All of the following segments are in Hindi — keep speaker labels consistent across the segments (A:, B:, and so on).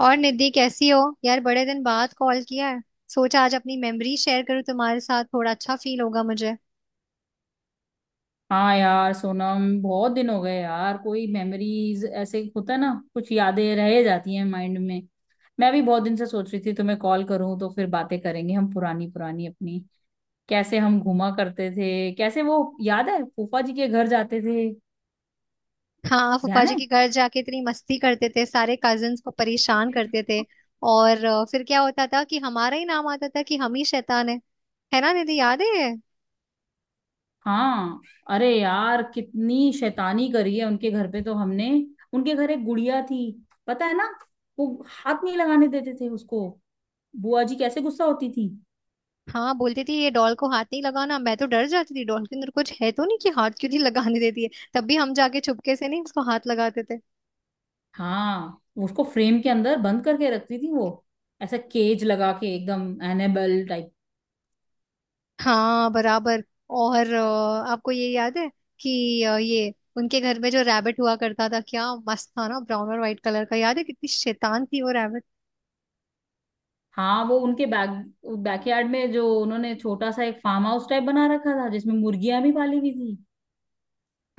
A: और निधि कैसी हो यार, बड़े दिन बाद कॉल किया है। सोचा आज अपनी मेमोरी शेयर करूं तुम्हारे साथ, थोड़ा अच्छा फील होगा मुझे।
B: हाँ यार सोनम, बहुत दिन हो गए यार। कोई मेमोरीज ऐसे होता है ना, कुछ यादें रह जाती हैं माइंड में। मैं भी बहुत दिन से सोच रही थी तुम्हें कॉल करूं, तो फिर बातें करेंगे हम पुरानी पुरानी अपनी। कैसे हम घूमा करते थे, कैसे वो। याद है फूफा जी के घर जाते थे।
A: हाँ, फूफा
B: ध्यान
A: जी
B: है।
A: के घर जाके इतनी मस्ती करते थे, सारे कजिन्स को परेशान करते थे। और फिर क्या होता था कि हमारा ही नाम आता था कि हम ही शैतान है। है ना निधि, याद है ये?
B: हाँ। अरे यार कितनी शैतानी करी है उनके घर पे तो हमने। उनके घर एक गुड़िया थी, पता है ना। वो हाथ नहीं लगाने देते थे उसको। बुआ जी कैसे गुस्सा होती थी।
A: हाँ, बोलती थी ये डॉल को हाथ नहीं लगाना। मैं तो डर जाती थी, डॉल के अंदर कुछ है तो नहीं कि हाथ क्यों नहीं लगाने देती है। तब भी हम जाके चुपके से नहीं उसको हाथ लगाते थे।
B: हाँ, उसको फ्रेम के अंदर बंद करके रखती थी वो। ऐसा केज लगा के एकदम एनेबल टाइप।
A: हाँ बराबर। और आपको ये याद है कि ये उनके घर में जो रैबिट हुआ करता था, क्या मस्त था ना, ब्राउन और व्हाइट कलर का। याद है कितनी शैतान थी वो रैबिट।
B: हाँ वो उनके बैकयार्ड में जो उन्होंने छोटा सा एक फार्म हाउस टाइप बना रखा था, जिसमें मुर्गियां भी पाली हुई थी।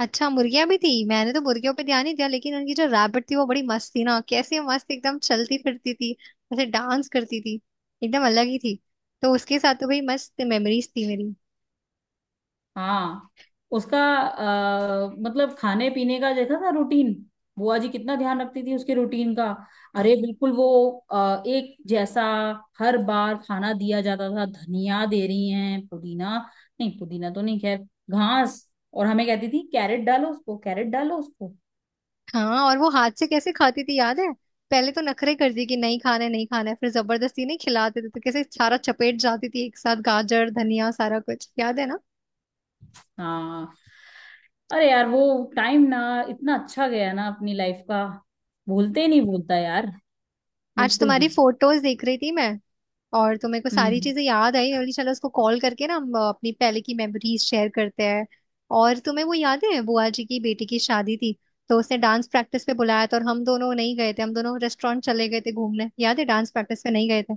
A: अच्छा, मुर्गियां भी थी? मैंने तो मुर्गियों पे ध्यान नहीं दिया, लेकिन उनकी जो रैबिट थी वो बड़ी मस्त थी ना। कैसे मस्त, एकदम चलती फिरती थी। ऐसे डांस करती थी। एकदम अलग ही थी। तो उसके साथ तो भाई मस्त मेमोरीज थी मेरी।
B: हाँ। उसका मतलब खाने पीने का देखा था रूटीन। बुआ जी कितना ध्यान रखती थी उसके रूटीन का। अरे बिल्कुल वो एक जैसा हर बार खाना दिया जाता था। धनिया दे रही हैं, पुदीना। नहीं पुदीना तो नहीं, खैर घास। और हमें कहती थी कैरेट डालो उसको, कैरेट डालो उसको।
A: हाँ, और वो हाथ से कैसे खाती थी, याद है? पहले तो नखरे करती कि नहीं खाना है नहीं खाना है, फिर जबरदस्ती नहीं खिलाते थे तो कैसे सारा चपेट जाती थी एक साथ, गाजर धनिया सारा कुछ। याद है ना।
B: हाँ। अरे यार वो टाइम ना इतना अच्छा गया ना अपनी लाइफ का। भूलते ही नहीं, भूलता यार,
A: आज
B: बिल्कुल
A: तुम्हारी
B: भी।
A: फोटोज देख रही थी मैं, और तो मेरे को सारी
B: हम्म।
A: चीजें याद आई। मैं बोली चलो उसको कॉल करके ना, हम अपनी पहले की मेमोरीज शेयर करते हैं। और तुम्हें वो याद है बुआ जी की बेटी की शादी थी? तो उसने डांस प्रैक्टिस पे बुलाया था और हम दोनों नहीं गए थे, हम दोनों रेस्टोरेंट चले गए थे घूमने। याद है, डांस प्रैक्टिस पे नहीं गए थे।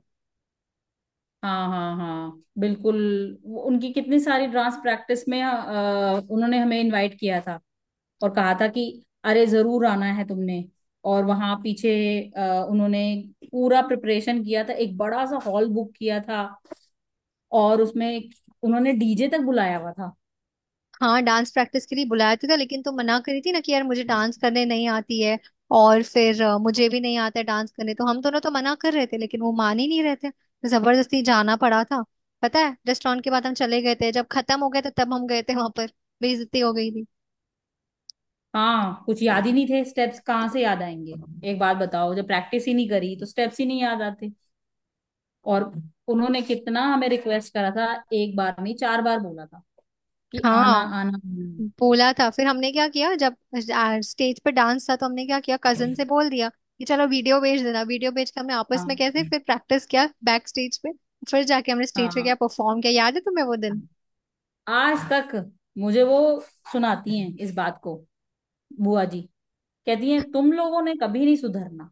B: हाँ हाँ हाँ बिल्कुल। उनकी कितनी सारी डांस प्रैक्टिस में उन्होंने हमें इनवाइट किया था। और कहा था कि अरे जरूर आना है तुमने। और वहां पीछे उन्होंने पूरा प्रिपरेशन किया था। एक बड़ा सा हॉल बुक किया था। और उसमें उन्होंने डीजे तक बुलाया हुआ था।
A: हाँ, डांस प्रैक्टिस के लिए बुलाया तो था, लेकिन तुम मना करी थी ना कि यार मुझे डांस करने नहीं आती है। और फिर मुझे भी नहीं आता है डांस करने, तो हम दोनों तो मना कर रहे थे, लेकिन वो मान ही नहीं रहे थे तो जबरदस्ती जाना पड़ा था। पता है, रेस्टोरेंट के बाद हम चले गए थे, जब खत्म हो गए थे तब हम गए थे वहां पर। बेइज्जती हो गई थी।
B: हाँ कुछ याद ही नहीं थे स्टेप्स, कहाँ से याद आएंगे। एक बात बताओ, जब प्रैक्टिस ही नहीं करी तो स्टेप्स ही नहीं याद आते। और उन्होंने कितना हमें रिक्वेस्ट करा था। एक बार नहीं, 4 बार बोला था कि आना
A: हाँ,
B: आना आना।
A: बोला था। फिर हमने क्या किया, जब स्टेज पे डांस था तो हमने क्या किया, कजन से बोल दिया कि चलो वीडियो भेज देना। वीडियो भेज के हमने आपस में कैसे
B: हाँ
A: फिर प्रैक्टिस किया बैक स्टेज पे। फिर जाके हमने स्टेज पे
B: हाँ
A: क्या परफॉर्म किया, याद है तुम्हें वो
B: हाँ।
A: दिन?
B: आज तक मुझे वो सुनाती हैं इस बात को, बुआ जी। कहती हैं तुम लोगों ने कभी नहीं सुधरना।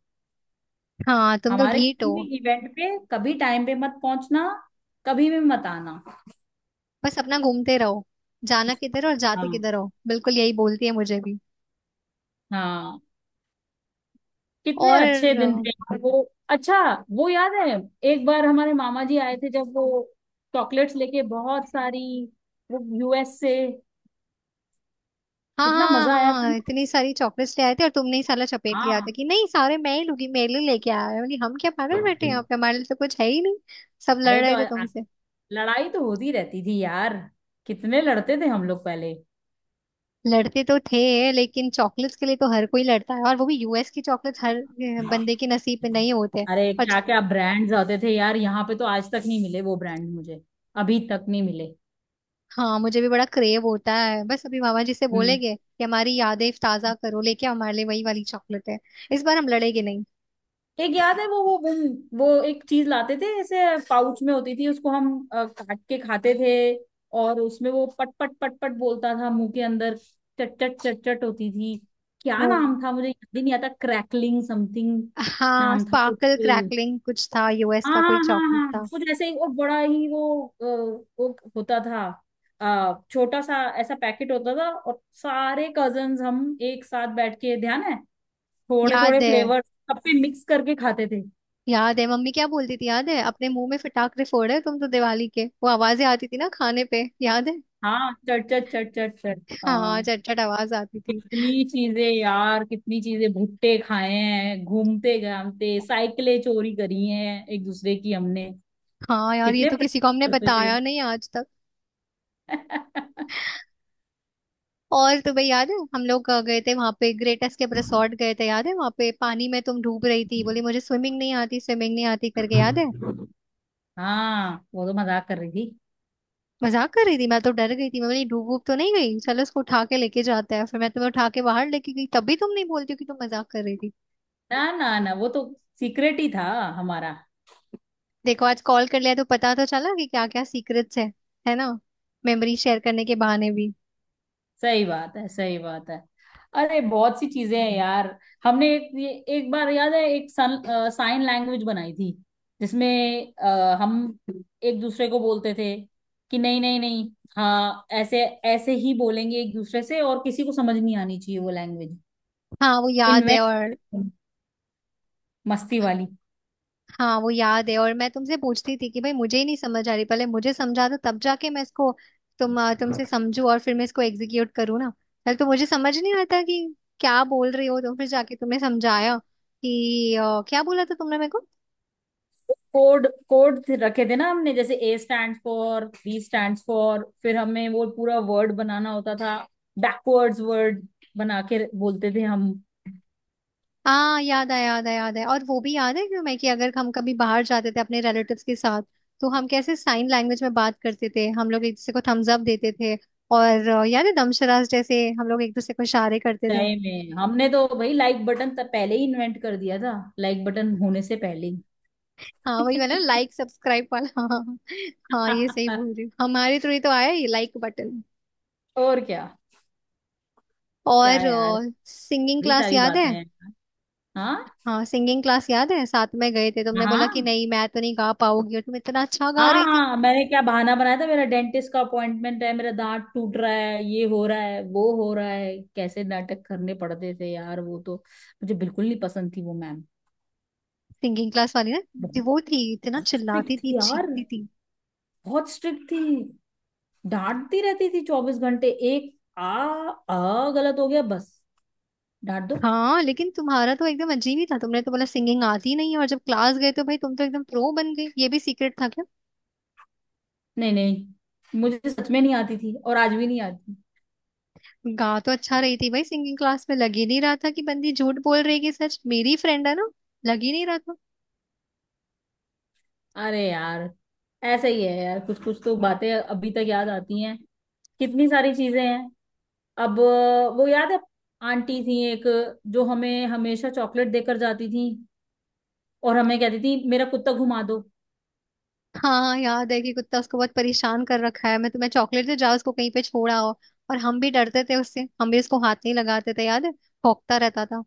A: हाँ, तुम तो
B: हमारे
A: ढीठ
B: किसी
A: हो।
B: भी इवेंट पे कभी टाइम पे मत पहुंचना, कभी भी मत आना।
A: बस अपना घूमते रहो। जाना किधर और जाते
B: हाँ।
A: किधर हो, बिल्कुल यही बोलती है मुझे भी।
B: हाँ। कितने
A: और
B: अच्छे दिन थे। वो, अच्छा, वो याद है, एक बार हमारे मामा जी आए थे जब वो चॉकलेट्स लेके बहुत सारी, वो यूएस से।
A: हाँ
B: कितना
A: हाँ
B: मजा आया
A: हाँ
B: था
A: हाँ,
B: ना।
A: इतनी सारी चॉकलेट्स ले आए थे और तुमने ही साला चपेट लिया था
B: हाँ।
A: कि नहीं, सारे मैं ही लूंगी, मेरे लिए लेके आया है। बोली हम क्या पागल बैठे हैं यहाँ पे, हमारे लिए तो कुछ है ही नहीं। सब लड़
B: अरे
A: रहे
B: तो
A: थे तुमसे।
B: लड़ाई तो होती रहती थी यार, कितने लड़ते थे हम लोग पहले।
A: लड़ते तो थे, लेकिन चॉकलेट्स के लिए तो हर कोई लड़ता है। और वो भी यूएस की चॉकलेट्स, हर बंदे के नसीब में नहीं होते।
B: अरे
A: और
B: क्या क्या ब्रांड्स आते थे यार, यहाँ पे तो आज तक नहीं मिले वो ब्रांड मुझे। अभी तक नहीं मिले।
A: हाँ, मुझे भी बड़ा क्रेव होता है। बस अभी मामा जी से
B: हम्म।
A: बोलेंगे कि हमारी यादें ताजा करो, लेके आओ हमारे लिए वही वाली चॉकलेट है। इस बार हम लड़ेंगे नहीं।
B: एक याद है वो वो एक चीज लाते थे ऐसे, पाउच में होती थी, उसको हम काट के खाते थे। और उसमें वो पट पट पट पट बोलता था मुंह के अंदर, चट चट चट चट होती थी। क्या
A: वो
B: नाम था, मुझे याद ही नहीं आता, क्रैकलिंग समथिंग
A: हाँ,
B: नाम था
A: स्पार्कल
B: कुछ।
A: क्रैकलिंग कुछ था, यूएस
B: हाँ
A: का कोई
B: हाँ
A: चॉकलेट
B: हाँ हाँ
A: था।
B: कुछ ऐसे ही। और बड़ा ही वो वो होता था। छोटा सा ऐसा पैकेट होता था, और सारे कजन्स हम एक साथ बैठ के, ध्यान है, थोड़े थोड़े
A: याद है,
B: फ्लेवर सब पे मिक्स करके खाते थे।
A: याद है मम्मी क्या बोलती थी, याद है? अपने मुंह में फटाकरे फोड़े तुम तो, दिवाली के। वो आवाजें आती थी ना खाने पे, याद है?
B: हाँ चट चट चट चट चट,
A: हाँ,
B: हाँ।
A: चटचट आवाज आती थी।
B: कितनी चीजें यार, कितनी चीजें भुट्टे खाए हैं घूमते घामते, साइकिलें चोरी करी हैं एक दूसरे की हमने।
A: हाँ यार, ये
B: कितने
A: तो किसी
B: प्रैंक
A: को हमने
B: करते थे।
A: बताया नहीं आज। और तुम्हें याद है, हम लोग गए थे वहां पे, ग्रेट एस्केप रिसोर्ट गए थे। याद है वहां पे पानी में तुम डूब रही थी, बोली मुझे स्विमिंग नहीं आती करके, याद है?
B: हाँ वो तो मजाक कर रही थी।
A: मजाक कर रही थी, मैं तो डर गई थी। मैं बोली डूब डूब तो नहीं गई, चलो इसको उठा के लेके जाते हैं। फिर मैं तुम्हें उठा के बाहर लेके गई, तब भी तुम नहीं बोलती हो कि तुम मजाक कर रही थी।
B: ना ना ना, वो तो सीक्रेट ही था हमारा।
A: देखो, आज कॉल कर लिया तो पता तो चला कि क्या क्या सीक्रेट्स है। है ना? मेमोरी शेयर करने के बहाने भी।
B: सही बात है, सही बात है। अरे बहुत सी चीजें हैं यार। हमने एक ये एक बार याद है एक साइन लैंग्वेज बनाई थी, जिसमें हम एक दूसरे को बोलते थे कि नहीं नहीं नहीं, हाँ ऐसे, ऐसे ही बोलेंगे एक दूसरे से और किसी को समझ नहीं आनी चाहिए वो लैंग्वेज।
A: हाँ वो याद है।
B: इन्वेंट,
A: और
B: मस्ती वाली।
A: हाँ वो याद है, और मैं तुमसे पूछती थी कि भाई मुझे ही नहीं समझ आ रही, पहले मुझे समझा दो तब जाके मैं इसको तुमसे समझू, और फिर मैं इसको एग्जीक्यूट करूँ ना। पहले तो मुझे समझ नहीं आता कि क्या बोल रही हो, तो फिर जाके तुमने समझाया कि क्या बोला था तुमने मेरे को।
B: कोड कोड रखे थे ना हमने, जैसे A stand for, B stand for, फिर हमें वो पूरा वर्ड बनाना होता था। बैकवर्ड्स वर्ड बना के बोलते थे हम।
A: हाँ, याद आया याद आया याद आया। और वो भी याद है क्यों मैं, कि अगर हम कभी बाहर जाते थे अपने रिलेटिव्स के साथ तो हम कैसे साइन लैंग्वेज में बात करते थे। हम लोग एक दूसरे को थम्स अप देते थे। और याद है, दमशरास जैसे हम लोग एक दूसरे को इशारे करते थे।
B: तय में हमने तो भाई लाइक बटन तब पहले ही इन्वेंट कर दिया था, लाइक बटन होने से पहले ही।
A: हाँ वही वाला, लाइक सब्सक्राइब वाला, हाँ। हाँ, ये सही बोल रही हूँ, हमारे थ्रू ही तो आया ये लाइक बटन।
B: और क्या, क्या
A: और
B: यार,
A: सिंगिंग
B: बड़ी
A: क्लास
B: सारी
A: याद है?
B: बातें हैं। हाँ।
A: हाँ सिंगिंग क्लास याद है, साथ में गए थे। तुमने बोला कि
B: हाँ
A: नहीं मैं तो नहीं गा पाऊंगी, और तुम इतना अच्छा गा
B: हाँ
A: रही थी।
B: हाँ मैंने क्या बहाना बनाया था, मेरा डेंटिस्ट का अपॉइंटमेंट है, मेरा दांत टूट रहा है, ये हो रहा है, वो हो रहा है, कैसे नाटक करने पड़ते थे यार वो तो। मुझे बिल्कुल नहीं पसंद थी वो मैम।
A: सिंगिंग क्लास वाली ना, जो
B: बहुत
A: वो थी, इतना
B: बहुत
A: चिल्लाती
B: स्ट्रिक्ट
A: थी
B: थी यार,
A: चीखती थी।
B: बहुत स्ट्रिक्ट थी। डांटती रहती थी 24 घंटे। एक आ आ गलत हो गया बस, डांट दो।
A: हाँ, लेकिन तुम्हारा तो एकदम अजीब ही था, तुमने तो बोला सिंगिंग आती नहीं है, और जब क्लास गए तो भाई तुम तो एकदम प्रो बन गई। ये भी सीक्रेट था।
B: नहीं नहीं, मुझे सच में नहीं आती थी, और आज भी नहीं आती।
A: गा तो अच्छा रही थी भाई, सिंगिंग क्लास में लग ही नहीं रहा था कि बंदी झूठ बोल रही है। कि सच मेरी फ्रेंड है ना, लग ही नहीं रहा था।
B: अरे यार ऐसे ही है यार, कुछ कुछ तो बातें अभी तक याद आती हैं। कितनी सारी चीजें हैं। अब वो याद है, आंटी थी एक जो हमें हमेशा चॉकलेट देकर जाती थी, और हमें कहती थी मेरा कुत्ता घुमा दो।
A: हाँ, याद है, कि कुत्ता, उसको बहुत परेशान कर रखा है। मैं तुम्हें चॉकलेट दे जाओ उसको कहीं पे छोड़ा हो। और हम भी डरते थे उससे, हम भी उसको हाथ नहीं लगाते थे, याद है। भौंकता रहता था।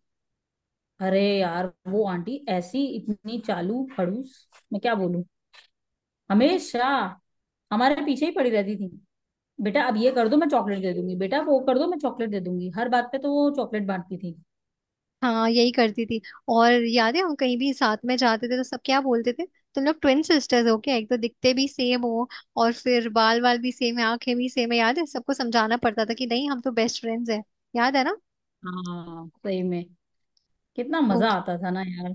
B: अरे यार वो आंटी ऐसी इतनी चालू खड़ूस, मैं क्या बोलूं। हमेशा हमारे पीछे ही पड़ी रहती थी। बेटा अब ये कर दो, मैं चॉकलेट दे दूंगी। बेटा वो कर दो, मैं चॉकलेट दे दूंगी। हर बात पे तो वो चॉकलेट बांटती थी।
A: हाँ, यही करती थी। और याद है हम कहीं भी साथ में जाते थे तो सब क्या बोलते थे, तुम लोग ट्विन सिस्टर्स हो क्या, एक तो दिखते भी सेम हो। और फिर बाल बाल भी सेम है, आंखें भी सेम है। याद है सबको समझाना पड़ता था कि नहीं हम तो बेस्ट फ्रेंड्स हैं। याद है ना?
B: हाँ सही में, कितना
A: तो
B: मजा आता था ना यार।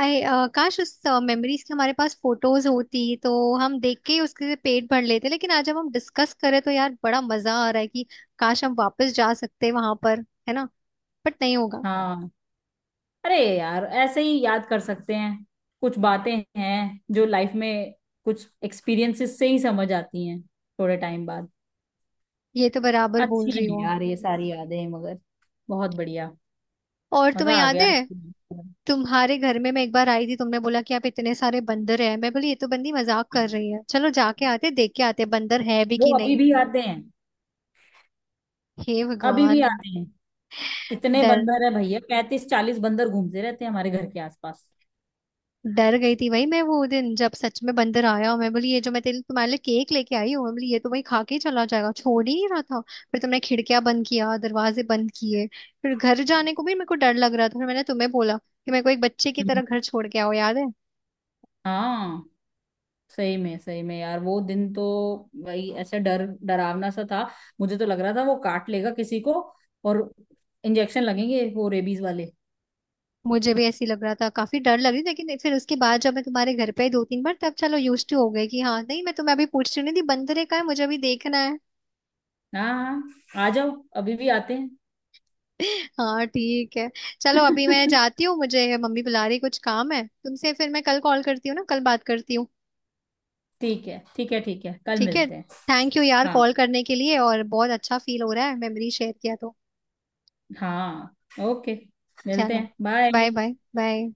A: आई काश उस मेमोरीज की हमारे पास फोटोज होती तो हम देख के ही उसके पेट भर लेते। लेकिन आज जब हम डिस्कस करें तो यार बड़ा मजा आ रहा है कि काश हम वापस जा सकते वहां पर। है ना? बट नहीं होगा।
B: हाँ अरे यार, ऐसे ही याद कर सकते हैं। कुछ बातें हैं जो लाइफ में, कुछ एक्सपीरियंसेस से ही समझ आती हैं थोड़े टाइम बाद।
A: ये तो बराबर बोल
B: अच्छी
A: रही
B: हैं
A: हूँ।
B: यार ये सारी यादें, मगर बहुत बढ़िया,
A: और तुम्हें
B: मजा आ
A: याद
B: गया।
A: है, तुम्हारे घर में मैं एक बार आई थी, तुमने बोला कि आप इतने सारे बंदर हैं। मैं बोली ये तो बंदी मजाक कर रही है, चलो जाके आते देख के आते बंदर है भी
B: वो
A: कि
B: अभी
A: नहीं।
B: भी आते हैं,
A: हे
B: अभी भी
A: भगवान।
B: आते हैं। इतने
A: डर
B: बंदर है भैया, 35 40 बंदर घूमते रहते हैं हमारे घर के आसपास।
A: डर गई थी वही मैं वो दिन, जब सच में बंदर आया। और मैं बोली ये जो मैं तेरे तुम्हारे लिए केक लेके आई हूँ, मैं बोली ये तो वही खा के ही चला जाएगा, छोड़ ही नहीं रहा था। फिर तुमने खिड़कियां बंद किया, दरवाजे बंद किए। फिर घर जाने को भी मेरे को डर लग रहा था, फिर मैंने तुम्हें बोला कि मेरे को एक बच्चे की
B: हम्म।
A: तरह घर छोड़ के आओ, याद है?
B: हाँ सही में, सही में यार, वो दिन तो भाई ऐसे डर डरावना सा था। मुझे तो लग रहा था वो काट लेगा किसी को, और इंजेक्शन लगेंगे वो रेबीज वाले।
A: मुझे भी ऐसी लग रहा था, काफी डर लग रही थी। लेकिन फिर उसके बाद जब मैं तुम्हारे घर पे आई दो तीन बार तब चलो यूज टू हो गई। कि हाँ, नहीं मैं तुम्हें अभी पूछ रही नहीं थी बंदर है का है, मुझे अभी देखना है।
B: हाँ। हाँ आ जाओ, अभी भी आते हैं।
A: हाँ ठीक है। चलो अभी मैं जाती हूँ, मुझे मम्मी बुला रही, कुछ काम है तुमसे। फिर मैं कल कॉल करती हूँ ना, कल बात करती हूँ।
B: ठीक है ठीक है ठीक है, कल
A: ठीक है।
B: मिलते हैं।
A: थैंक यू यार
B: हाँ।
A: कॉल करने के लिए, और बहुत अच्छा फील हो रहा है, मेमोरी शेयर किया तो।
B: हाँ। ओके, मिलते
A: चलो,
B: हैं,
A: बाय
B: बाय।
A: Bye bye.